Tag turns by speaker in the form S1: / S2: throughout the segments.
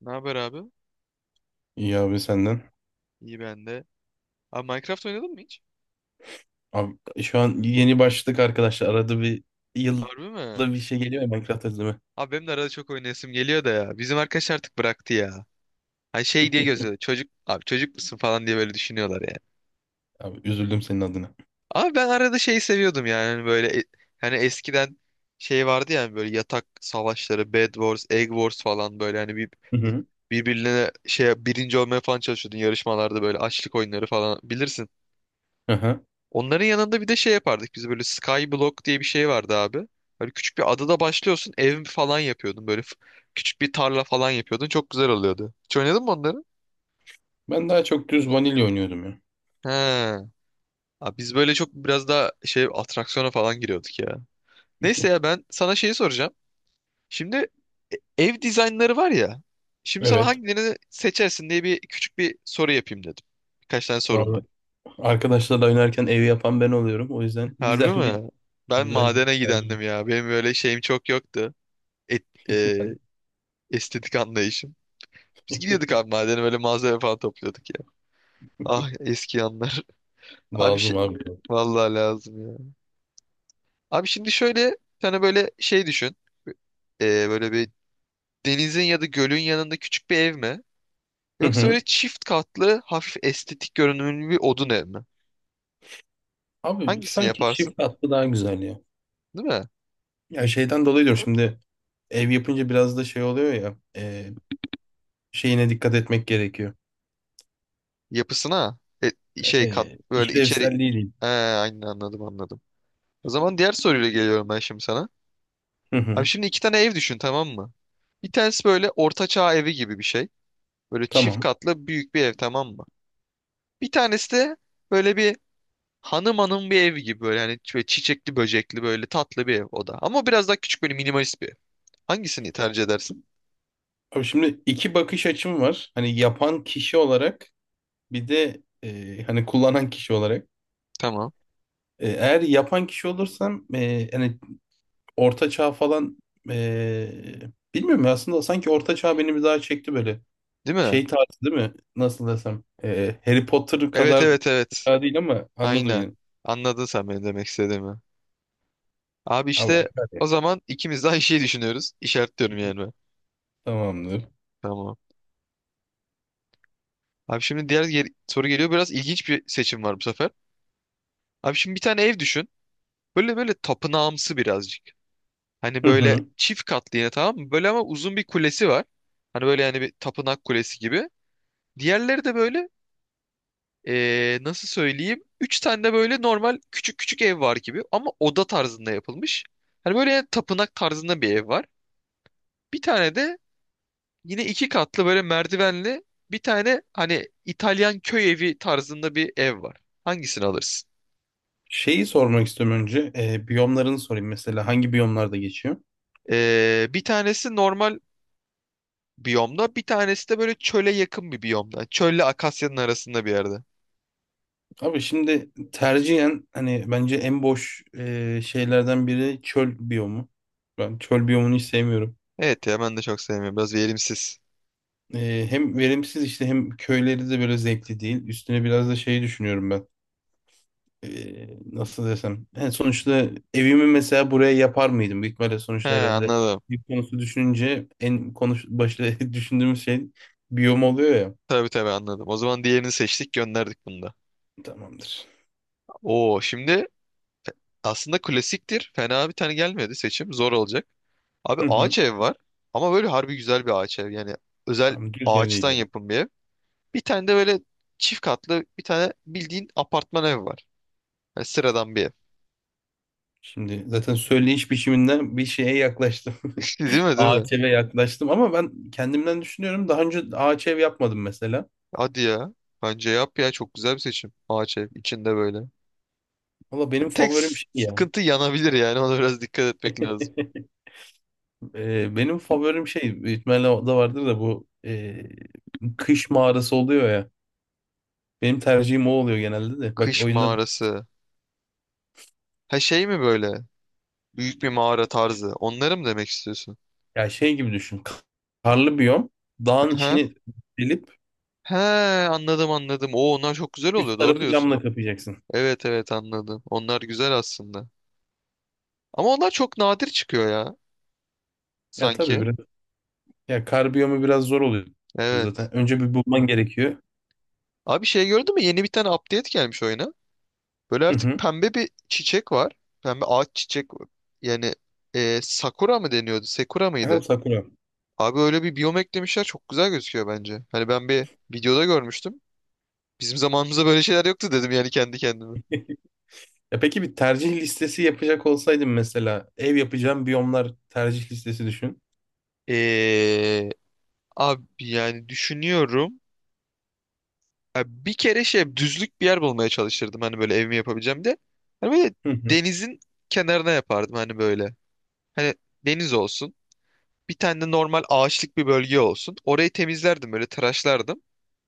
S1: Ne haber abi?
S2: İyi abi senden.
S1: İyi ben de. Abi Minecraft oynadın mı hiç?
S2: Abi, şu an yeni başladık arkadaşlar. Arada bir yılda
S1: Harbi mi?
S2: bir şey geliyor ya Minecraft özleme.
S1: Abi benim de arada çok oynayasım geliyor da ya. Bizim arkadaş artık bıraktı ya. Hani şey diye gözüyor. Çocuk abi çocuk musun falan diye böyle düşünüyorlar ya.
S2: Abi üzüldüm senin adına.
S1: Abi ben arada şeyi seviyordum yani hani böyle hani eskiden şey vardı yani böyle yatak savaşları, Bed Wars, Egg Wars falan böyle hani bir
S2: Hı hı.
S1: birbirine şey birinci olmaya falan çalışıyordun yarışmalarda böyle açlık oyunları falan bilirsin.
S2: Aha.
S1: Onların yanında bir de şey yapardık biz böyle Skyblock diye bir şey vardı abi. Böyle küçük bir adada başlıyorsun ev falan yapıyordun böyle küçük bir tarla falan yapıyordun çok güzel oluyordu. Hiç oynadın mı onları?
S2: Ben daha çok düz vanilya oynuyordum ya.
S1: He. Abi biz böyle çok biraz daha şey atraksiyona falan giriyorduk ya. Neyse ya ben sana şeyi soracağım. Şimdi e- ev dizaynları var ya. Şimdi sana
S2: Evet.
S1: hangilerini seçersin diye bir küçük bir soru yapayım dedim. Birkaç tane sorum
S2: Abi,
S1: var.
S2: arkadaşlarla oynarken evi yapan ben oluyorum. O yüzden
S1: Harbi mi? Ben
S2: güzel bir
S1: madene
S2: tercih.
S1: gidendim ya. Benim böyle şeyim çok yoktu. Et,
S2: Ben.
S1: estetik anlayışım. Biz gidiyorduk abi madene böyle malzeme falan topluyorduk ya. Ah eski anlar. Abi
S2: Lazım
S1: şey
S2: abi.
S1: vallahi lazım ya. Abi şimdi şöyle sana böyle şey düşün. Böyle bir denizin ya da gölün yanında küçük bir ev mi?
S2: Hı
S1: Yoksa
S2: hı.
S1: böyle çift katlı hafif estetik görünümlü bir odun ev mi?
S2: Abi
S1: Hangisini
S2: sanki
S1: yaparsın?
S2: çift katlı daha güzel ya.
S1: Değil mi?
S2: Ya şeyden dolayı diyorum şimdi ev yapınca biraz da şey oluyor ya. Şeyine dikkat etmek gerekiyor.
S1: Yapısına e, şey kat böyle içeri.
S2: İşlevselliği
S1: He, aynen anladım anladım. O zaman diğer soruyla geliyorum ben şimdi sana.
S2: Hı
S1: Abi
S2: hı.
S1: şimdi iki tane ev düşün tamam mı? Bir tanesi böyle ortaçağ evi gibi bir şey. Böyle çift
S2: Tamam.
S1: katlı büyük bir ev tamam mı? Bir tanesi de böyle bir hanım hanım bir ev gibi böyle hani böyle çiçekli böcekli böyle tatlı bir ev o da. Ama biraz daha küçük böyle minimalist bir ev. Hangisini tercih edersin?
S2: Abi şimdi iki bakış açım var. Hani yapan kişi olarak bir de hani kullanan kişi olarak.
S1: Tamam.
S2: Eğer yapan kişi olursam hani orta çağ falan, e, bilmiyorum ya aslında sanki orta çağ beni bir daha çekti böyle.
S1: Değil mi?
S2: Şey tarzı değil mi? Nasıl desem. Harry Potter
S1: Evet
S2: kadar
S1: evet evet.
S2: çağ değil ama anladım
S1: Aynen.
S2: yani.
S1: Anladın sen benim demek istediğimi. Abi
S2: Ama
S1: işte o zaman ikimiz de aynı şeyi düşünüyoruz. İşaretliyorum yani ben.
S2: tamamdır.
S1: Tamam. Abi şimdi diğer soru geliyor. Biraz ilginç bir seçim var bu sefer. Abi şimdi bir tane ev düşün. Böyle tapınağımsı birazcık. Hani
S2: Hı
S1: böyle
S2: hı.
S1: çift katlı yine tamam mı? Böyle ama uzun bir kulesi var. Hani böyle yani bir tapınak kulesi gibi. Diğerleri de böyle nasıl söyleyeyim? Üç tane de böyle normal küçük küçük ev var gibi ama oda tarzında yapılmış. Hani böyle tapınak tarzında bir ev var. Bir tane de yine iki katlı böyle merdivenli bir tane hani İtalyan köy evi tarzında bir ev var. Hangisini alırsın?
S2: Şeyi sormak istiyorum önce. Biyomlarını sorayım mesela. Hangi biyomlarda geçiyor?
S1: Bir tanesi normal biyomda. Bir tanesi de böyle çöle yakın bir biyomda. Çölle akasyanın arasında bir yerde.
S2: Abi şimdi tercihen hani bence en boş şeylerden biri çöl biyomu. Ben çöl biyomunu hiç sevmiyorum.
S1: Evet ya ben de çok sevmiyorum. Biraz verimsiz.
S2: Hem verimsiz işte hem köyleri de böyle zevkli değil. Üstüne biraz da şeyi düşünüyorum ben. Nasıl desem. Yani sonuçta evimi mesela buraya yapar mıydım? Büyük ihtimalle
S1: He
S2: sonuçta herhalde
S1: anladım.
S2: bir konusu düşününce en konuş başta düşündüğümüz şey biyom oluyor ya.
S1: Tabii tabii anladım. O zaman diğerini seçtik gönderdik bunu da.
S2: Tamamdır.
S1: Oo şimdi aslında klasiktir. Fena bir tane gelmedi seçim. Zor olacak. Abi
S2: Hı hı.
S1: ağaç ev var. Ama böyle harbi güzel bir ağaç ev. Yani özel
S2: Tamam, düz ev değil
S1: ağaçtan
S2: yani.
S1: yapım bir ev. Bir tane de böyle çift katlı bir tane bildiğin apartman ev var. Yani sıradan bir ev.
S2: Şimdi zaten söyleyiş biçiminden bir şeye yaklaştım.
S1: Değil mi değil mi?
S2: Ağaç eve yaklaştım ama ben kendimden düşünüyorum. Daha önce ağaç ev yapmadım mesela.
S1: Hadi ya. Bence yap ya çok güzel bir seçim. Ağaç ev içinde böyle.
S2: Valla benim
S1: Tek
S2: favorim şey ya.
S1: sıkıntı yanabilir yani ona biraz dikkat etmek lazım.
S2: Benim favorim şey büyük ihtimalle o da vardır da bu kış mağarası oluyor ya. Benim tercihim o oluyor genelde de. Bak
S1: Kış
S2: oyunda
S1: mağarası. Ha şey mi böyle? Büyük bir mağara tarzı. Onları mı demek istiyorsun?
S2: ya şey gibi düşün. Karlı biyom. Dağın
S1: Aha.
S2: içini delip
S1: He anladım anladım. Oo onlar çok güzel oluyor
S2: üst
S1: doğru
S2: tarafı
S1: diyorsun.
S2: camla kapayacaksın.
S1: Evet evet anladım. Onlar güzel aslında. Ama onlar çok nadir çıkıyor ya
S2: Ya tabii
S1: sanki.
S2: biraz ya kar biyomu biraz zor oluyor
S1: Evet.
S2: zaten. Önce bir bulman gerekiyor.
S1: Abi şey gördün mü? Yeni bir tane update gelmiş oyuna. Böyle
S2: Hı
S1: artık
S2: hı.
S1: pembe bir çiçek var. Pembe ağaç çiçek. Yani e, sakura mı deniyordu? Sekura
S2: Ha,
S1: mıydı?
S2: Sakura.
S1: Abi öyle bir biyom eklemişler çok güzel gözüküyor bence. Hani ben bir videoda görmüştüm. Bizim zamanımızda böyle şeyler yoktu dedim yani kendi kendime.
S2: E peki bir tercih listesi yapacak olsaydım mesela ev yapacağım biyomlar tercih listesi düşün.
S1: Ee, abi yani düşünüyorum. Ya bir kere şey düzlük bir yer bulmaya çalışırdım hani böyle evimi yapabileceğim de. Hani böyle
S2: Hı hı.
S1: denizin kenarına yapardım hani böyle. Hani deniz olsun. Bir tane de normal ağaçlık bir bölge olsun. Orayı temizlerdim böyle tıraşlardım.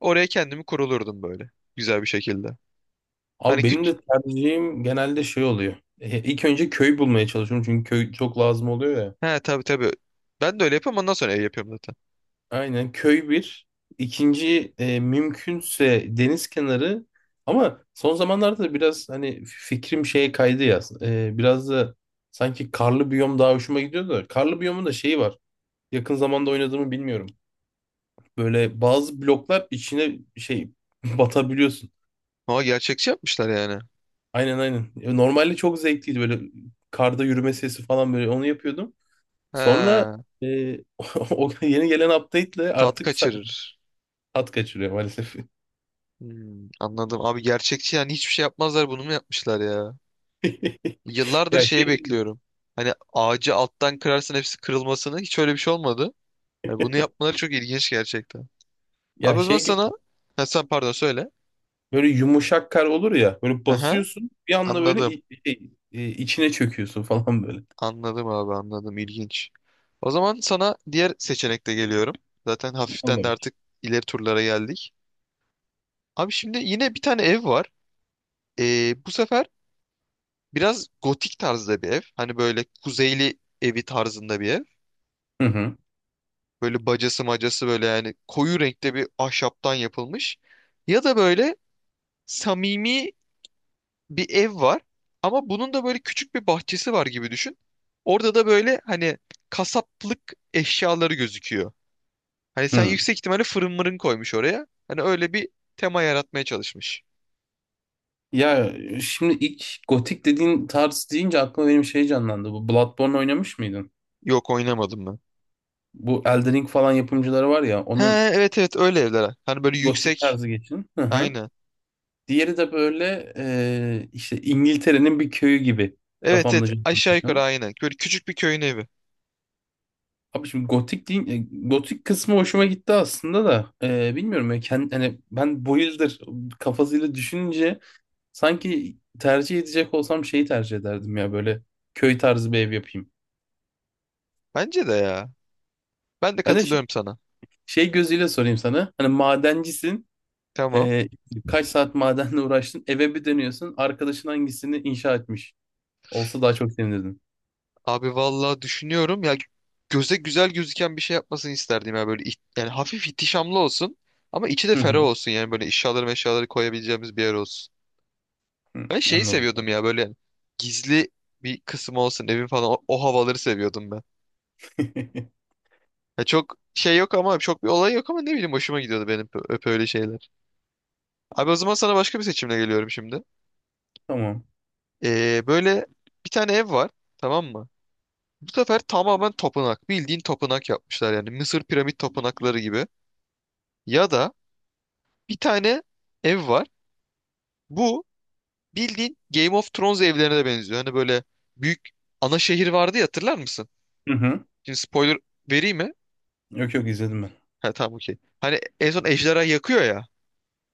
S1: Oraya kendimi kurulurdum böyle. Güzel bir şekilde.
S2: Abi
S1: Hani
S2: benim
S1: küt...
S2: de tercihim genelde şey oluyor. İlk önce köy bulmaya çalışıyorum çünkü köy çok lazım oluyor ya.
S1: He tabii tabii. Ben de öyle yapıyorum ondan sonra ev yapıyorum zaten.
S2: Aynen, köy bir. İkinci mümkünse deniz kenarı. Ama son zamanlarda da biraz hani fikrim şeye kaydı ya. Biraz da sanki karlı biyom daha hoşuma gidiyor da. Karlı biyomun da şeyi var. Yakın zamanda oynadığımı bilmiyorum. Böyle bazı bloklar içine şey batabiliyorsun.
S1: Ama gerçekçi yapmışlar yani.
S2: Aynen aynen. Normalde çok zevkliydi böyle karda yürüme sesi falan böyle onu yapıyordum. Sonra
S1: He
S2: e, o yeni gelen update'le
S1: tat
S2: artık
S1: kaçırır.
S2: tat kaçırıyor maalesef.
S1: Hmm, anladım. Abi gerçekçi yani hiçbir şey yapmazlar bunu mu yapmışlar ya? Yıllardır
S2: Ya şey
S1: şeyi
S2: gibi,
S1: bekliyorum. Hani ağacı alttan kırarsın hepsi kırılmasını. Hiç öyle bir şey olmadı. Yani bunu yapmaları çok ilginç gerçekten.
S2: ya
S1: Abi o zaman
S2: şey gibi
S1: sana... Ha, sen pardon söyle.
S2: böyle yumuşak kar olur ya böyle
S1: Aha,
S2: basıyorsun bir anda böyle
S1: anladım.
S2: içine çöküyorsun falan böyle.
S1: Anladım abi anladım. İlginç. O zaman sana diğer seçenekte geliyorum. Zaten hafiften de
S2: Allah'ım.
S1: artık ileri turlara geldik. Abi şimdi yine bir tane ev var. Bu sefer biraz gotik tarzda bir ev. Hani böyle kuzeyli evi tarzında bir ev.
S2: Hı hı.
S1: Böyle bacası macası böyle yani koyu renkte bir ahşaptan yapılmış. Ya da böyle samimi bir ev var. Ama bunun da böyle küçük bir bahçesi var gibi düşün. Orada da böyle hani kasaplık eşyaları gözüküyor. Hani sen
S2: Hı.
S1: yüksek ihtimalle fırın mırın koymuş oraya. Hani öyle bir tema yaratmaya çalışmış.
S2: Ya şimdi ilk gotik dediğin tarz deyince aklıma benim şey canlandı. Bu Bloodborne oynamış mıydın?
S1: Yok oynamadım ben.
S2: Bu Elden Ring falan yapımcıları var ya onun
S1: Ha evet evet öyle evler. Hani böyle
S2: gotik
S1: yüksek.
S2: tarzı geçin. Hı hı.
S1: Aynen.
S2: Diğeri de böyle işte İngiltere'nin bir köyü gibi
S1: Evet
S2: kafamda
S1: evet aşağı yukarı
S2: canlanmışan.
S1: aynen. Böyle küçük bir köyün evi.
S2: Abi şimdi gotik değil, gotik kısmı hoşuma gitti aslında da bilmiyorum ya hani ben bu yıldır kafasıyla düşününce sanki tercih edecek olsam şeyi tercih ederdim ya böyle köy tarzı bir ev yapayım.
S1: Bence de ya. Ben de
S2: Ben de şey,
S1: katılıyorum sana.
S2: şey gözüyle sorayım sana hani madencisin.
S1: Tamam.
S2: Ee, kaç saat madenle uğraştın? Eve bir dönüyorsun. Arkadaşın hangisini inşa etmiş? Olsa daha çok sevinirdin.
S1: Abi vallahi düşünüyorum ya göze güzel gözüken bir şey yapmasını isterdim ya böyle yani hafif ihtişamlı olsun ama içi de
S2: Hı
S1: ferah
S2: hı.
S1: olsun yani böyle eşyaları meşyaları koyabileceğimiz bir yer olsun.
S2: Hı,
S1: Ben şeyi
S2: anladım.
S1: seviyordum ya böyle gizli bir kısım olsun evin falan o havaları seviyordum ben. Ya çok şey yok ama çok bir olay yok ama ne bileyim hoşuma gidiyordu benim ö- öp öyle şeyler. Abi o zaman sana başka bir seçimle geliyorum şimdi.
S2: Tamam.
S1: Böyle bir tane ev var tamam mı? Bu sefer tamamen tapınak bildiğin tapınak yapmışlar yani Mısır piramit tapınakları gibi. Ya da bir tane ev var bu bildiğin Game of Thrones evlerine de benziyor. Hani böyle büyük ana şehir vardı ya hatırlar mısın?
S2: Hı hı.
S1: Şimdi spoiler vereyim mi?
S2: Yok yok, izledim ben.
S1: Ha tamam okey. Hani en son ejderha yakıyor ya.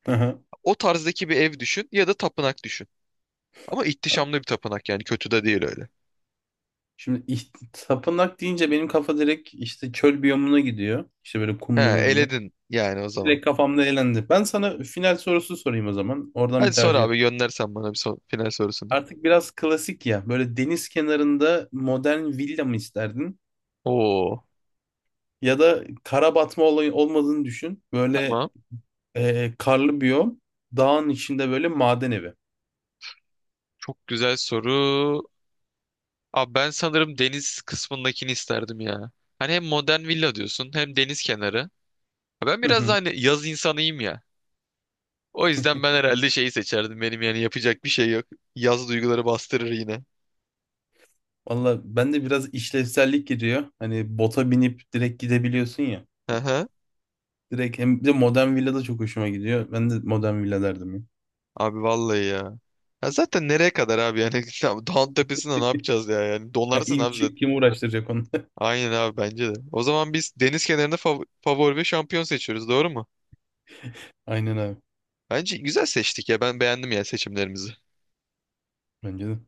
S2: Hı hı.
S1: O tarzdaki bir ev düşün ya da tapınak düşün. Ama
S2: Hop.
S1: ihtişamlı bir tapınak yani kötü de değil öyle.
S2: Şimdi tapınak deyince benim kafa direkt işte çöl biyomuna gidiyor. İşte böyle
S1: He
S2: kumlu mumlu.
S1: eledin yani o zaman.
S2: Direkt kafamda elendi. Ben sana final sorusu sorayım o zaman. Oradan bir
S1: Hadi sor
S2: tercih yap.
S1: abi göndersen bana bir son, final sorusunu.
S2: Artık biraz klasik ya. Böyle deniz kenarında modern villa mı isterdin?
S1: Oo
S2: Ya da kara batma olayı olmadığını düşün. Böyle
S1: tamam.
S2: Karlı biyom, dağın içinde böyle maden evi.
S1: Çok güzel soru. Abi ben sanırım deniz kısmındakini isterdim ya. Hani hem modern villa diyorsun hem deniz kenarı. Ben
S2: Hı
S1: biraz da
S2: hı.
S1: hani yaz insanıyım ya. O yüzden ben herhalde şeyi seçerdim. Benim yani yapacak bir şey yok. Yaz duyguları bastırır yine.
S2: Valla ben de biraz işlevsellik giriyor. Hani bota binip direkt gidebiliyorsun ya.
S1: Hı hı.
S2: Direkt hem bir de modern villa da çok hoşuma gidiyor. Ben de modern villa derdim ya.
S1: Abi vallahi ya. Ya zaten nereye kadar abi yani tamam, dağın tepesinde ne yapacağız ya yani
S2: Ya
S1: donarsın
S2: in
S1: abi
S2: çık
S1: zaten.
S2: kim uğraştıracak onu?
S1: Aynen abi bence de. O zaman biz deniz kenarında favori ve şampiyon seçiyoruz doğru mu?
S2: Aynen abi.
S1: Bence güzel seçtik ya ben beğendim ya seçimlerimizi.
S2: Bence de.